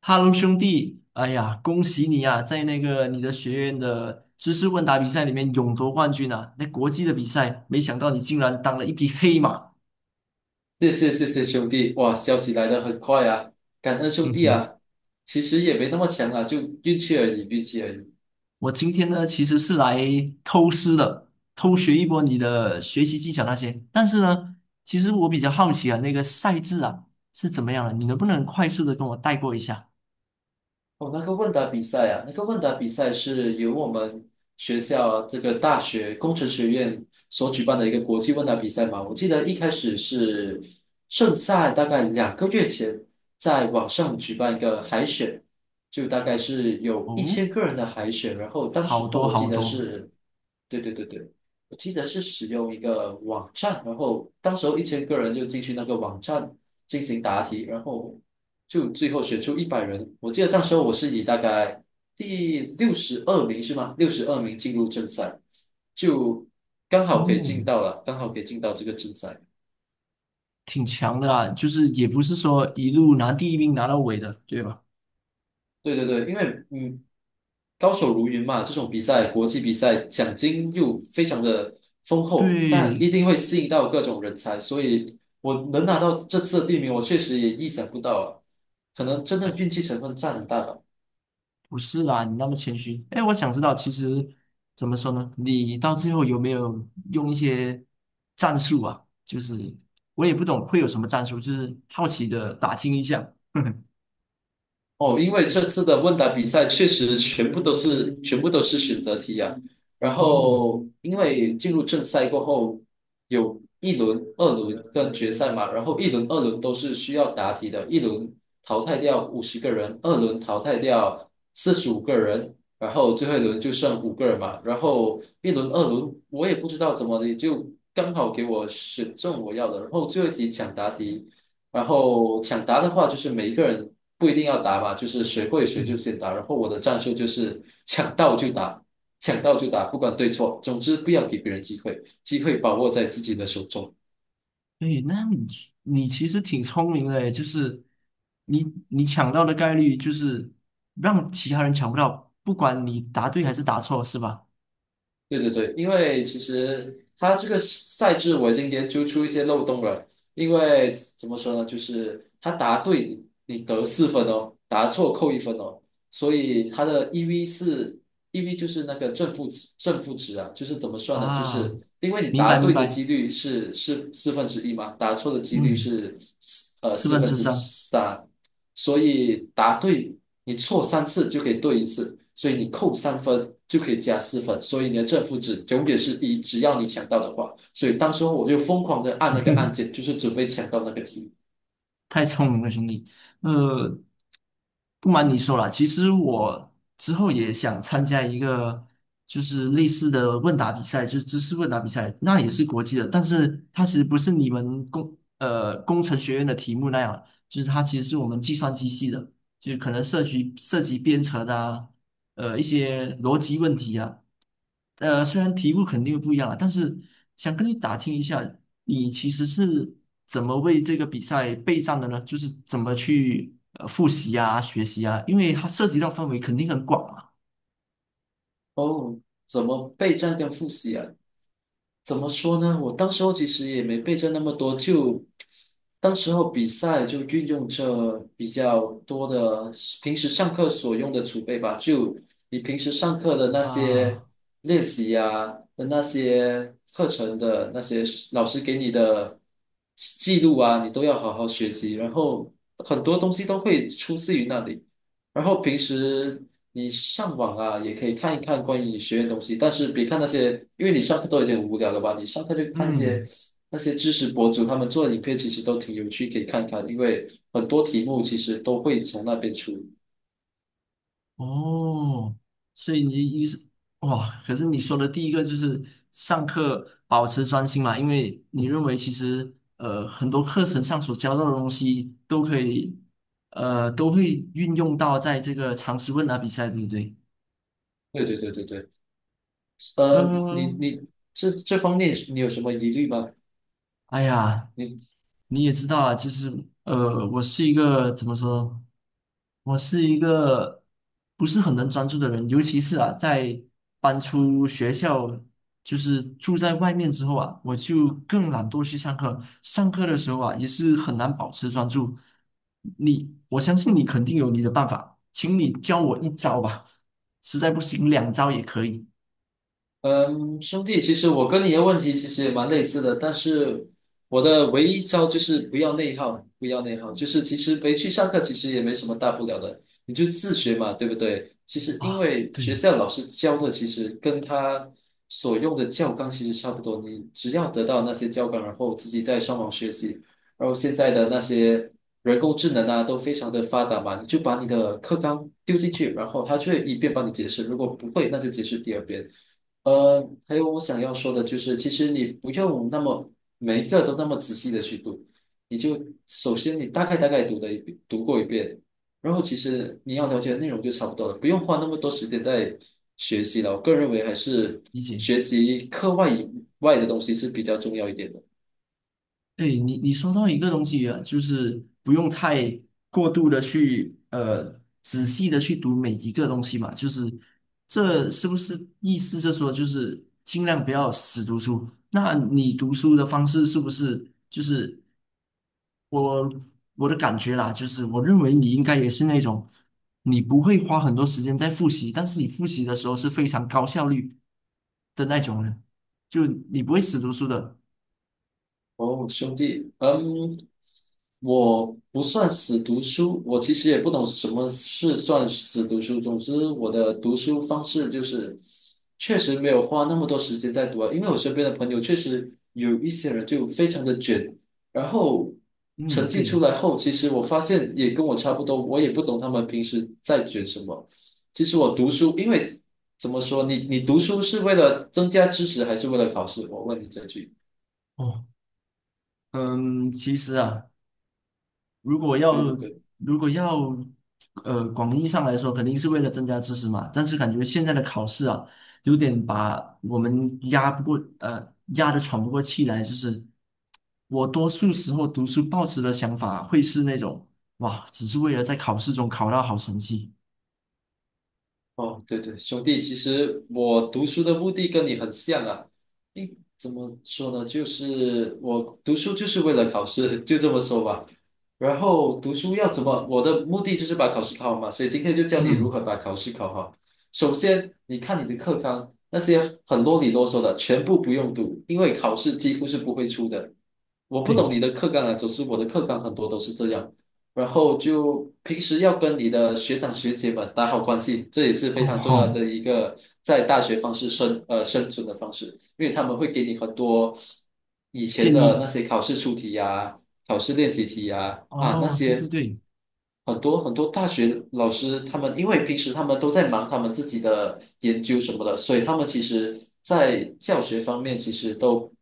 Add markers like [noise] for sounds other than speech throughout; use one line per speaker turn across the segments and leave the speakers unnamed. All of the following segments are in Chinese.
哈喽，兄弟！哎呀，恭喜你啊，在那个你的学院的知识问答比赛里面勇夺冠军啊！那国际的比赛，没想到你竟然当了一匹黑马。
谢谢谢谢兄弟，哇，消息来的很快啊，感恩兄
哼
弟
哼，
啊，其实也没那么强啊，就运气而已，运气而已。
我今天呢其实是来偷师的，偷学一波你的学习技巧那些。但是呢，其实我比较好奇啊，那个赛制啊是怎么样的？你能不能快速的跟我带过一下？
哦，那个问答比赛啊，那个问答比赛是由我们学校这个大学工程学院所举办的一个国际问答比赛嘛。我记得一开始是盛赛，大概2个月前在网上举办一个海选，就大概是有一
哦，
千个人的海选。然后当
好
时候
多
我记
好
得
多。
是。对对对对，我记得是使用一个网站，然后当时候一千个人就进去那个网站进行答题，就最后选出100人。我记得那时候我是以大概第62名是吗？六十二名进入正赛，就
嗯，
刚好可以进到这个正赛。
挺强的啊，就是也不是说一路拿第一名拿到尾的，对吧？
对对对，因为嗯，高手如云嘛，这种比赛，国际比赛奖金又非常的丰厚，但一
对。
定会吸引到各种人才，所以我能拿到这次的第一名，我确实也意想不到啊，可能真的
哎，
运气成分占很大吧。
不是啦，你那么谦虚。哎，我想知道，其实怎么说呢？你到最后有没有用一些战术啊？就是我也不懂会有什么战术，就是好奇的打听一下。[laughs]
哦，因为这次的问答比赛确实全部都是选择题啊。然
嗯
后，因为进入正赛过后，有一轮、二轮跟决赛嘛，然后一轮、二轮都是需要答题的，一轮淘汰掉50个人，二轮淘汰掉45个人，然后最后一轮就剩五个人嘛。然后一轮、二轮我也不知道怎么的，就刚好给我选中我要的。然后最后一题抢答题。然后抢答的话，就是每一个人不一定要答嘛，就是谁会谁就
嗯，
先答。然后我的战术就是 [laughs] 抢到就答，抢到就答，不管对错，总之不要给别人机会，机会把握在自己的手中。
对，那你其实挺聪明的诶，就是你你抢到的概率就是让其他人抢不到，不管你答对还是答错，是吧？
对对对，因为其实他这个赛制我已经研究出一些漏洞了。因为怎么说呢，就是他答对你得四分哦，答错扣1分哦，所以他的 EV 是 EV 就是那个正负值啊，就是怎么算呢？就是
啊，
因为你
明白
答
明
对的几
白，
率是四分之一嘛，答错的几率
嗯，
是
四
四
分
分
之
之
三。
三，所以答对你错3次就可以对一次，所以你扣3分就可以加四分，所以你的正负值永远是一，只要你抢到的话。所以当时候我就疯狂的按那个按键，就是准备抢到那个题。
太聪明了，兄弟。呃，不瞒你说啦，其实我之后也想参加一个就是类似的问答比赛，就是知识问答比赛，那也是国际的，但是它其实不是你们工程学院的题目那样，就是它其实是我们计算机系的，就是可能涉及编程啊，一些逻辑问题啊。虽然题目肯定不一样了，但是想跟你打听一下，你其实是怎么为这个比赛备战的呢？就是怎么去复习呀、学习呀？因为它涉及到范围肯定很广嘛。
哦，怎么备战跟复习啊？怎么说呢？我当时候其实也没备着那么多，就当时候比赛就运用这比较多的平时上课所用的储备吧，就你平时上课的那些
啊，
练习呀、的那些课程的那些老师给你的记录啊，你都要好好学习，然后很多东西都会出自于那里。然后平时你上网啊，也可以看一看关于学院的东西，但是别看那些，因为你上课都已经很无聊了吧？你上课就看一些
嗯。
那些知识博主他们做的影片，其实都挺有趣，可以看看，因为很多题目其实都会从那边出。
哦，所以你一是哇，可是你说的第一个就是上课保持专心嘛，因为你认为其实很多课程上所教到的东西都可以都会运用到在这个常识问答比赛，对不对？
对对对对对，你
嗯、
你这方面你有什么疑虑吗？
哎呀，
你？
你也知道啊，就是我是一个怎么说？我是一个不是很能专注的人，尤其是啊，在搬出学校，就是住在外面之后啊，我就更懒惰去上课。上课的时候啊，也是很难保持专注。你，我相信你肯定有你的办法，请你教我一招吧，实在不行两招也可以
嗯，兄弟，其实我跟你的问题其实也蛮类似的，但是我的唯一招就是不要内耗，不要内耗，就是其实没去上课，其实也没什么大不了的，你就自学嘛，对不对？其实因
啊。
为学
对，
校老师教的，其实跟他所用的教纲其实差不多，你只要得到那些教纲，然后自己再上网学习，然后现在的那些人工智能啊，都非常的发达嘛，你就把你的课纲丢进去，然后它就会一遍帮你解释，如果不会，那就解释第二遍。呃，还有我想要说的就是，其实你不用那么每一个都那么仔细的去读，你就首先你大概读过一遍，然后其实你要了解的内容就差不多了，不用花那么多时间在学习了。我个人认为还是
理解。
学习课外以外的东西是比较重要一点的。
哎，你说到一个东西啊，就是不用太过度的去仔细的去读每一个东西嘛，就是这是不是意思就说，就是尽量不要死读书？那你读书的方式是不是就是我我的感觉啦，就是我认为你应该也是那种你不会花很多时间在复习，但是你复习的时候是非常高效率的那种人，就你不会死读书的。
哦，兄弟，嗯，我不算死读书，我其实也不懂什么是算死读书。总之，我的读书方式就是确实没有花那么多时间在读啊，因为我身边的朋友确实有一些人就非常的卷，然后成
嗯，
绩出
对。
来后，其实我发现也跟我差不多，我也不懂他们平时在卷什么。其实我读书，因为怎么说，你读书是为了增加知识，还是为了考试？我问你这句。
哦。嗯，其实啊，如果要
对对对。
如果要广义上来说，肯定是为了增加知识嘛。但是感觉现在的考试啊，有点把我们压得喘不过气来。就是我多数时候读书抱持的想法会是那种哇，只是为了在考试中考到好成绩。
哦，对对，兄弟，其实我读书的目的跟你很像啊。怎么说呢？就是我读书就是为了考试，[laughs] 就这么说吧。然后读书要怎么？我的目的就是把考试考好嘛，所以今天就教你如
嗯，
何把考试考好。首先，你看你的课纲，那些很啰里啰嗦的，全部不用读，因为考试几乎是不会出的。我不
对，
懂你的课纲啊，总之我的课纲很多都是这样。然后就平时要跟你的学长学姐们打好关系，这也是非
哦
常重要
好，
的一个在大学方式生呃生存的方式，因为他们会给你很多以前
建
的那
议
些考试出题呀、考试练习题啊那
哦，对对
些
对
很多很多大学老师他们，因为平时他们都在忙他们自己的研究什么的，所以他们其实在教学方面其实都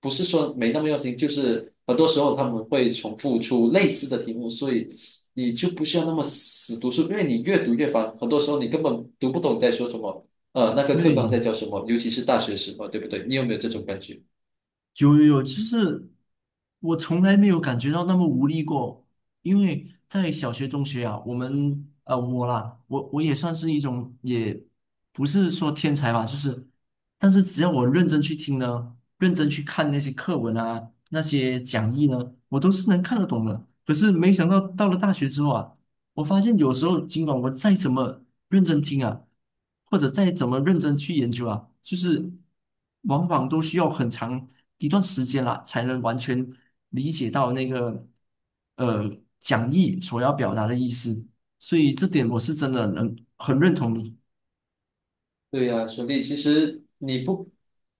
不是说没那么用心，就是很多时候他们会重复出类似的题目，所以你就不需要那么死读书，因为你越读越烦，很多时候你根本读不懂在说什么，那个课纲
对，
在教什么，尤其是大学时候，对不对？你有没有这种感觉？
有有有，就是我从来没有感觉到那么无力过，因为在小学、中学啊，我啦，我也算是一种，也不是说天才吧，就是，但是只要我认真去听呢，认真去看那些课文啊，那些讲义呢，我都是能看得懂的。可是没想到到了大学之后啊。我发现有时候，尽管我再怎么认真听啊，或者再怎么认真去研究啊，就是往往都需要很长一段时间啦，才能完全理解到那个呃讲义所要表达的意思。所以这点我是真的能很认同你。
对呀，兄弟，其实你不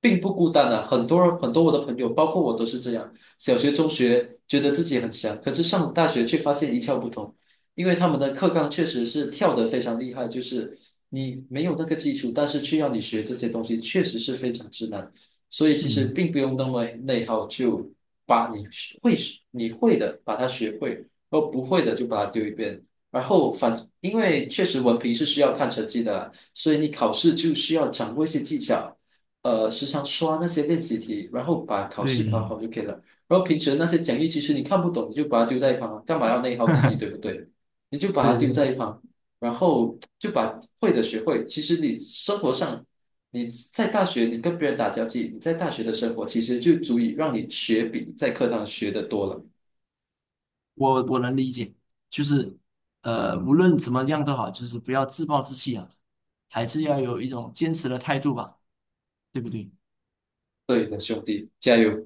并不孤单啊，很多很多我的朋友，包括我都是这样。小学、中学觉得自己很强，可是上了大学却发现一窍不通，因为他们的课纲确实是跳得非常厉害，就是你没有那个基础，但是却要你学这些东西，确实是非常之难。所以其实
是，
并不用那么内耗，就把会你会的把它学会，而不会的就把它丢一边。然后因为确实文凭是需要看成绩的，所以你考试就需要掌握一些技巧，时常刷那些练习题，然后把考试考
对，
好就可以了。然后平时那些讲义，其实你看不懂，你就把它丢在一旁，干嘛要内耗自己，对
[laughs]
不对？你就把
对
它丢
对，
在一旁，然后就把会的学会。其实你生活上，你在大学你跟别人打交际，你在大学的生活其实就足以让你学比在课堂学的多了。
我能理解，就是无论怎么样都好，就是不要自暴自弃啊，还是要有一种坚持的态度吧，对不对？
对的，兄弟，加油！